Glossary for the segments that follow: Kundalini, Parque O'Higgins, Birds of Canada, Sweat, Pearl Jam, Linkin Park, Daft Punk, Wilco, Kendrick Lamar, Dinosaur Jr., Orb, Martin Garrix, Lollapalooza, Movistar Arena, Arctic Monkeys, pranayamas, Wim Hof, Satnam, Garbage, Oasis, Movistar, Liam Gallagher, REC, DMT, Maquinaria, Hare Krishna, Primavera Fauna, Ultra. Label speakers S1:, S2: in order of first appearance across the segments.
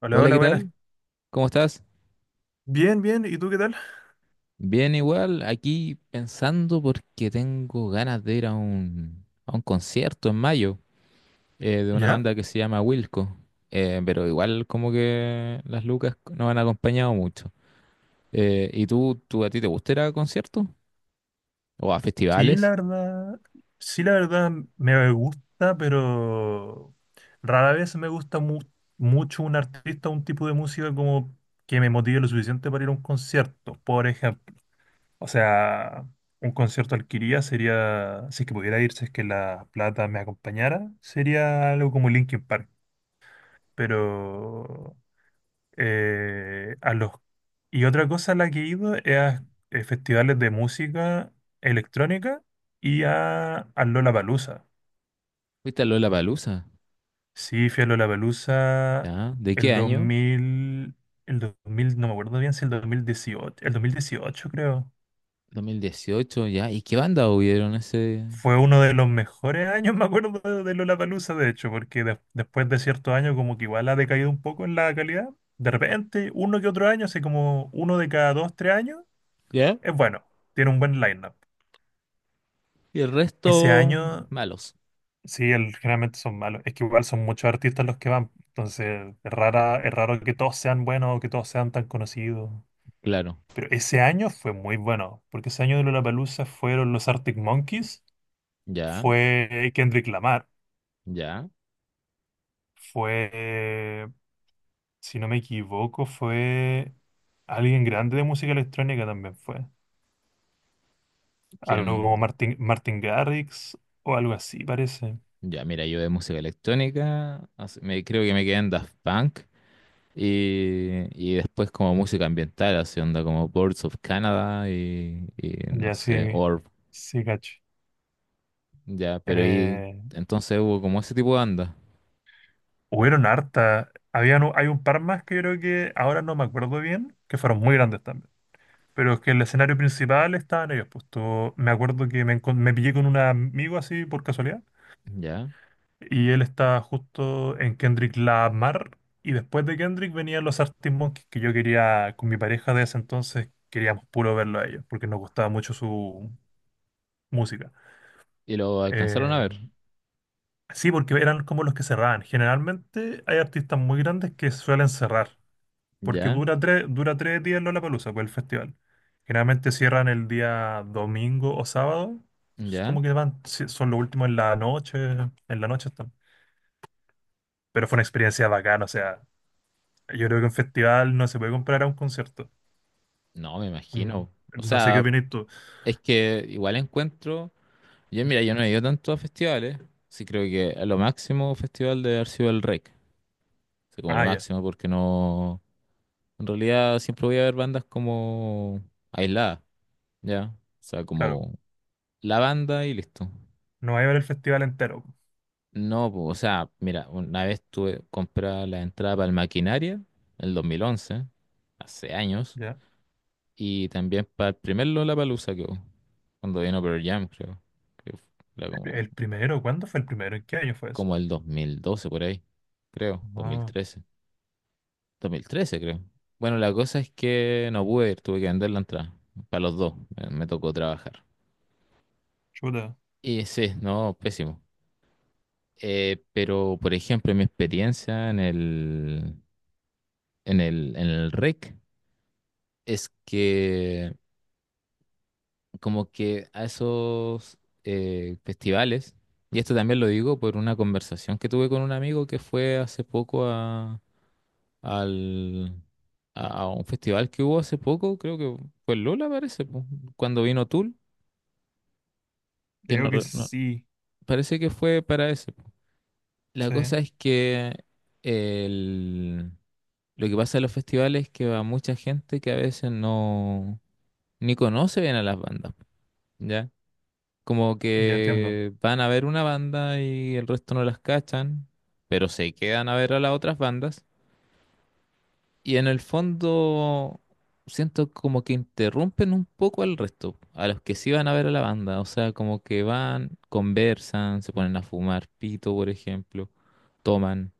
S1: Hola,
S2: Hola,
S1: hola,
S2: ¿qué
S1: buenas.
S2: tal? ¿Cómo estás?
S1: Bien, bien. ¿Y tú qué tal?
S2: Bien, igual, aquí pensando porque tengo ganas de ir a un concierto en mayo, de una
S1: ¿Ya?
S2: banda que se llama Wilco. Pero igual como que las lucas no han acompañado mucho. ¿Y tú a ti te gusta ir a conciertos o a
S1: Sí, la
S2: festivales?
S1: verdad. Sí, la verdad me gusta, pero rara vez me gusta mucho un artista o un tipo de música como que me motive lo suficiente para ir a un concierto, por ejemplo. O sea, un concierto al que iría sería, si es que pudiera ir, si es que la plata me acompañara, sería algo como Linkin Park. Pero a los... Y otra cosa a la que he ido es a festivales de música electrónica y a, al Lollapalooza.
S2: ¿Fuiste a Lollapalooza?
S1: Sí, fui a Lollapalooza
S2: ¿Ya? ¿De
S1: el
S2: qué
S1: dos
S2: año?
S1: mil el 2000 no me acuerdo bien si el dos mil dieciocho, el 2018 creo.
S2: 2018, ¿ya? ¿Y qué banda hubieron ese?
S1: Fue uno de los mejores años, me acuerdo, de Lollapalooza, de hecho, porque después de ciertos años como que igual ha decaído un poco en la calidad. De repente, uno que otro año, así como uno de cada dos, tres años,
S2: ¿Ya?
S1: es bueno, tiene un buen line.
S2: Y el
S1: Ese
S2: resto,
S1: año,
S2: malos.
S1: sí, el generalmente son malos. Es que igual son muchos artistas los que van. Entonces, es rara, es raro que todos sean buenos o que todos sean tan conocidos.
S2: Claro,
S1: Pero ese año fue muy bueno, porque ese año de Lollapalooza fueron los Arctic Monkeys,
S2: ya,
S1: fue Kendrick Lamar,
S2: ya.
S1: fue, si no me equivoco, fue alguien grande de música electrónica también fue. Algo como
S2: ¿Quién?
S1: Martin, Martin Garrix o algo así, parece.
S2: Ya, mira, yo de música electrónica, creo que me quedé en Daft Punk, y después como música ambiental, así onda como Birds of Canada, y no
S1: Ya
S2: sé,
S1: sí,
S2: Orb.
S1: sí, cacho.
S2: Ya, pero ahí
S1: eh,
S2: entonces hubo como ese tipo de banda,
S1: Hubieron harta. Habían, hay un par más que yo creo que ahora no me acuerdo bien, que fueron muy grandes también. Pero es que el escenario principal estaban ellos. Pues me acuerdo que me pillé con un amigo así por casualidad.
S2: ya,
S1: Y él estaba justo en Kendrick Lamar. Y después de Kendrick venían los Arctic Monkeys que yo quería, con mi pareja de ese entonces, queríamos puro verlo a ellos, porque nos gustaba mucho su música.
S2: y lo alcanzaron a
S1: Eh,
S2: ver,
S1: sí, porque eran como los que cerraban. Generalmente hay artistas muy grandes que suelen cerrar. Porque
S2: ya,
S1: dura tres días Lollapalooza, pues el festival. Generalmente cierran el día domingo o sábado, es
S2: ya.
S1: como que van, sí, son los últimos en la noche están. Pero fue una experiencia bacana, o sea, yo creo que un festival no se puede comparar a un concierto.
S2: No, me
S1: Mm,
S2: imagino. O
S1: no sé qué
S2: sea,
S1: opinas tú.
S2: es que igual encuentro, yo mira, yo no he ido tanto a festivales. Sí, creo que a lo máximo festival de haber sido el REC, así como lo
S1: Ah, ya,
S2: máximo porque no... En realidad siempre voy a ver bandas como aisladas, ¿ya? O sea,
S1: claro,
S2: como la banda y listo.
S1: no va a haber el festival entero,
S2: No, po, o sea, mira, una vez tuve comprar la entrada para el Maquinaria, en el 2011, hace años,
S1: ¿ya?
S2: y también para el primer Lollapalooza que hubo, cuando vino Pearl Jam, creo. que fu- Era como,
S1: ¿El primero? ¿Cuándo fue el primero? ¿En qué año fue eso?
S2: el 2012 por ahí, creo. Dos mil
S1: No,
S2: trece, 2013, creo. Bueno, la cosa es que no pude ir, tuve que vender la entrada para los dos, me tocó trabajar.
S1: chuta,
S2: Y sí, no, pésimo. Pero, por ejemplo, mi experiencia en el REC es que como que a esos, festivales, y esto también lo digo por una conversación que tuve con un amigo que fue hace poco al, a un festival que hubo hace poco, creo que fue en Lola, parece, po, cuando vino Tool. Que no,
S1: creo que
S2: re- no-
S1: sí,
S2: Parece que fue para ese, po. La
S1: sí,
S2: cosa es que el, lo que pasa en los festivales es que va mucha gente que a veces ni conoce bien a las bandas, ¿ya? Como
S1: ya entiendo,
S2: que van a ver una banda y el resto no las cachan, pero se quedan a ver a las otras bandas, y en el fondo siento como que interrumpen un poco al resto, a los que sí van a ver a la banda. O sea, como que van, conversan, se ponen a fumar pito, por ejemplo, toman,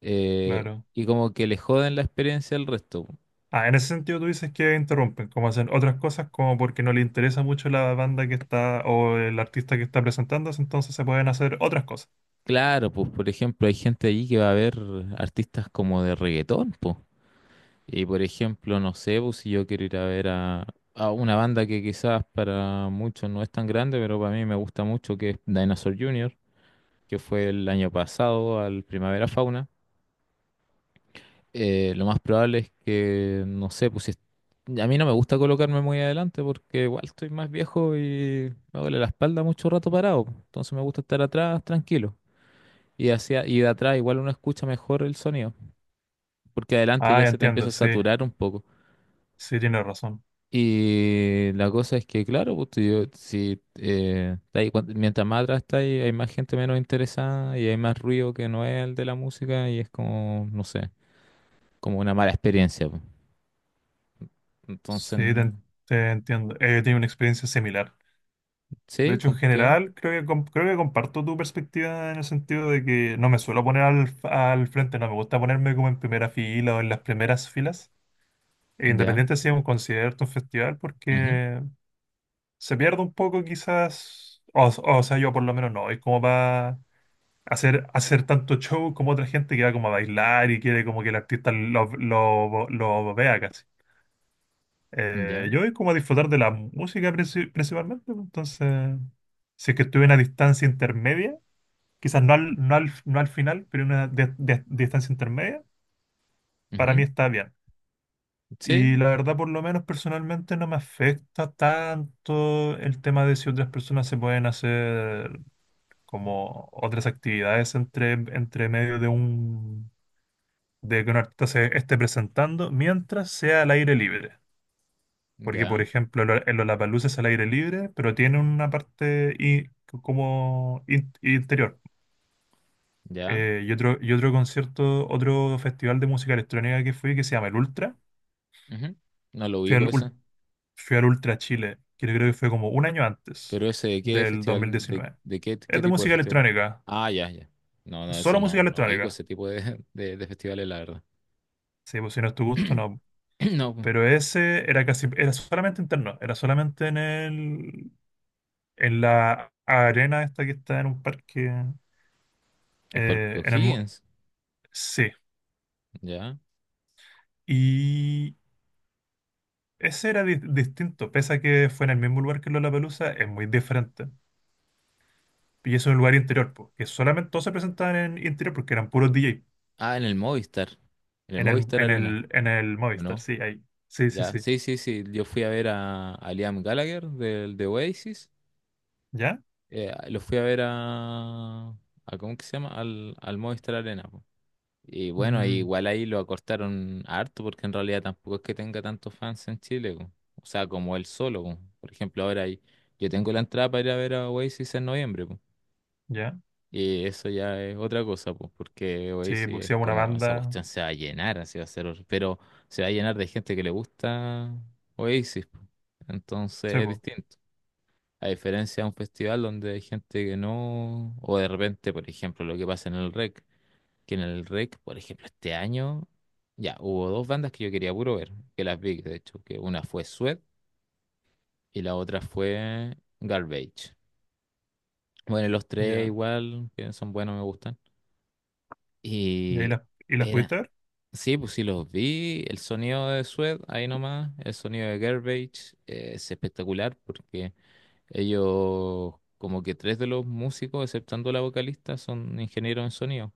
S1: claro.
S2: y como que le joden la experiencia al resto.
S1: Ah, en ese sentido tú dices que interrumpen, como hacen otras cosas, como porque no le interesa mucho la banda que está o el artista que está presentándose, entonces se pueden hacer otras cosas.
S2: Claro, pues por ejemplo, hay gente allí que va a ver artistas como de reggaetón, pues. Y por ejemplo, no sé, pues si yo quiero ir a ver a una banda que quizás para muchos no es tan grande, pero para mí me gusta mucho, que es Dinosaur Jr., que fue el año pasado al Primavera Fauna. Lo más probable es que, no sé, a mí no me gusta colocarme muy adelante porque igual estoy más viejo y me duele la espalda mucho rato parado, pues. Entonces me gusta estar atrás, tranquilo. Y de atrás igual uno escucha mejor el sonido, porque adelante
S1: Ah,
S2: ya
S1: ya
S2: se te empieza
S1: entiendo,
S2: a
S1: sí,
S2: saturar un poco.
S1: sí, tienes razón.
S2: Y la cosa es que, claro, pues, tú- yo- si, está ahí, mientras más atrás está ahí, hay más gente menos interesada y hay más ruido que no es el de la música, y es como, no sé, como una mala experiencia, pues. Entonces,
S1: Sí,
S2: no.
S1: te entiendo. Tiene una experiencia similar. De
S2: ¿Sí?
S1: hecho, en
S2: ¿Con qué?
S1: general, creo que, creo que comparto tu perspectiva en el sentido de que no me suelo poner al frente, no me gusta ponerme como en primera fila o en las primeras filas,
S2: Ya.
S1: independiente si es un concierto, un festival,
S2: Ujú.
S1: porque se pierde un poco quizás, o sea, yo por lo menos no, es como para hacer tanto show como otra gente que va como a bailar y quiere como que el artista lo vea casi.
S2: Ya.
S1: Yo es como a disfrutar de la música principalmente, pues, entonces, si es que estuve en una distancia intermedia, quizás no al final, pero en una distancia intermedia, para mí
S2: Ujú.
S1: está bien. Y
S2: Sí.
S1: la verdad, por lo menos personalmente, no me afecta tanto el tema de si otras personas se pueden hacer como otras actividades entre medio de un de que un artista se esté presentando mientras sea al aire libre. Porque, por
S2: Ya.
S1: ejemplo, el Lollapalooza es al aire libre, pero tiene una parte como interior.
S2: Ya.
S1: Y otro concierto, otro festival de música electrónica que fui que se llama el Ultra.
S2: Ujú. No lo
S1: Fui al,
S2: ubico eso.
S1: Ul- fui al Ultra Chile, que yo creo que fue como un año antes
S2: Pero ese de qué
S1: del dos mil
S2: festival,
S1: diecinueve.
S2: de qué,
S1: Es
S2: qué
S1: de
S2: tipo de
S1: música
S2: festival.
S1: electrónica,
S2: Ah, ya, ya. No, no, eso
S1: solo
S2: no,
S1: música
S2: no ubico
S1: electrónica.
S2: ese tipo de festivales, la verdad.
S1: Sí, pues si no es tu gusto, no.
S2: No, pues,
S1: Pero ese era casi, era solamente interno, era solamente en en la arena esta que está en un parque,
S2: el Parque
S1: en
S2: O'Higgins,
S1: sí.
S2: ya.
S1: Y ese era distinto, pese a que fue en el mismo lugar que Lollapalooza, es muy diferente. Y eso es un lugar interior, po, que solamente todos se presentaban en interior porque eran puros DJ,
S2: Ah, en el Movistar Arena,
S1: en el
S2: ¿o
S1: Movistar,
S2: no?
S1: sí, ahí. Sí, sí,
S2: Ya,
S1: sí.
S2: sí, sí, sí. Yo fui a ver a, Liam Gallagher del de Oasis.
S1: ¿Ya?
S2: Lo fui a ver a ¿cómo que se llama? Al Movistar Arena, po. Y bueno,
S1: Mm,
S2: igual ahí lo acortaron harto porque en realidad tampoco es que tenga tantos fans en Chile, po. O sea, como él solo, po. Por ejemplo, yo tengo la entrada para ir a ver a Oasis en noviembre, po.
S1: ¿ya?
S2: Y eso ya es otra cosa, pues porque
S1: Sí,
S2: Oasis
S1: pues sí,
S2: es
S1: una
S2: como, esa
S1: banda,
S2: cuestión se va a llenar, así va a ser. Pero se va a llenar de gente que le gusta Oasis, po.
S1: sí,
S2: Entonces es
S1: pues,
S2: distinto. A diferencia de un festival donde hay gente que no, o de repente, por ejemplo, lo que pasa en el Rec, por ejemplo, este año, ya hubo dos bandas que yo quería puro ver, que las vi, de hecho. Que una fue Sweat y la otra fue Garbage. Bueno, los tres
S1: ya.
S2: igual, que son buenos, me gustan.
S1: ¿Y ahí
S2: Y
S1: y las
S2: Era,
S1: pudiste ver?
S2: sí, pues sí los vi. El sonido de Sweat, ahí nomás. El sonido de Garbage, es espectacular porque ellos, como que tres de los músicos, exceptando la vocalista, son ingenieros en sonido.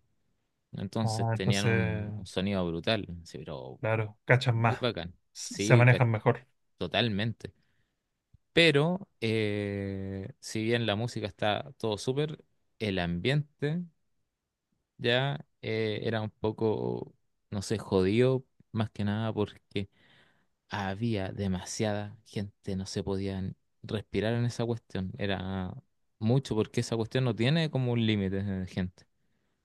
S2: Entonces
S1: Ah,
S2: tenían
S1: entonces,
S2: un sonido brutal, sí. Pero
S1: claro, cachan
S2: muy
S1: más,
S2: bacán,
S1: se
S2: sí,
S1: manejan mejor.
S2: totalmente. Pero si bien la música está todo súper, el ambiente ya, era un poco, no sé, jodido, más que nada porque había demasiada gente, no se podían respirar en esa cuestión. Era mucho porque esa cuestión no tiene como un límite de gente.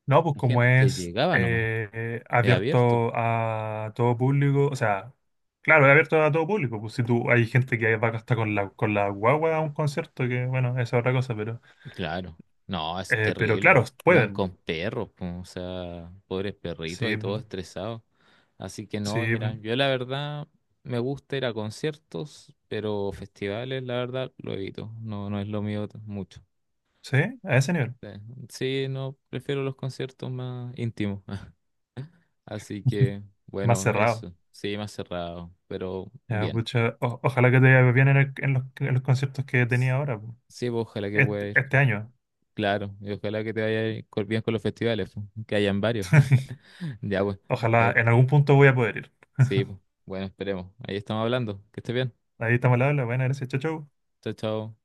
S1: No, pues
S2: La
S1: como
S2: gente
S1: es
S2: llegaba nomás, es abierto.
S1: abierto a todo público, o sea, claro, es abierto a todo público. Pues si tú hay gente que va hasta con con la guagua a un concierto, que bueno, esa es otra cosa,
S2: Claro, no, es
S1: pero claro,
S2: terrible. Iban
S1: pueden.
S2: con perros, po, o sea, pobres perritos
S1: Sí,
S2: ahí todos
S1: pu-
S2: estresados. Así que no,
S1: sí,
S2: mira,
S1: pu-
S2: yo la verdad me gusta ir a conciertos, pero festivales, la verdad, lo evito. No, no es lo mío mucho.
S1: sí, a ese nivel.
S2: Eh, Sí, no, prefiero los conciertos más íntimos. Así que,
S1: Más
S2: bueno,
S1: cerrado.
S2: eso. Sí, más cerrado, pero
S1: Ya,
S2: bien.
S1: pucha, o- ojalá que te vaya bien en, en en los conciertos que
S2: S-
S1: tenía ahora, pu.
S2: Sí, pues, ojalá que pueda
S1: Este,
S2: ir.
S1: este año.
S2: Claro, y ojalá que te vaya bien con los festivales, po, que hayan varios. Ya, pues,
S1: Ojalá
S2: ahí,
S1: en algún punto voy a poder ir.
S2: sí, pues. Bueno, esperemos. Ahí estamos hablando. Que estés bien.
S1: Ahí estamos al habla. Buenas, gracias. Chau, chau.
S2: Chao, chao.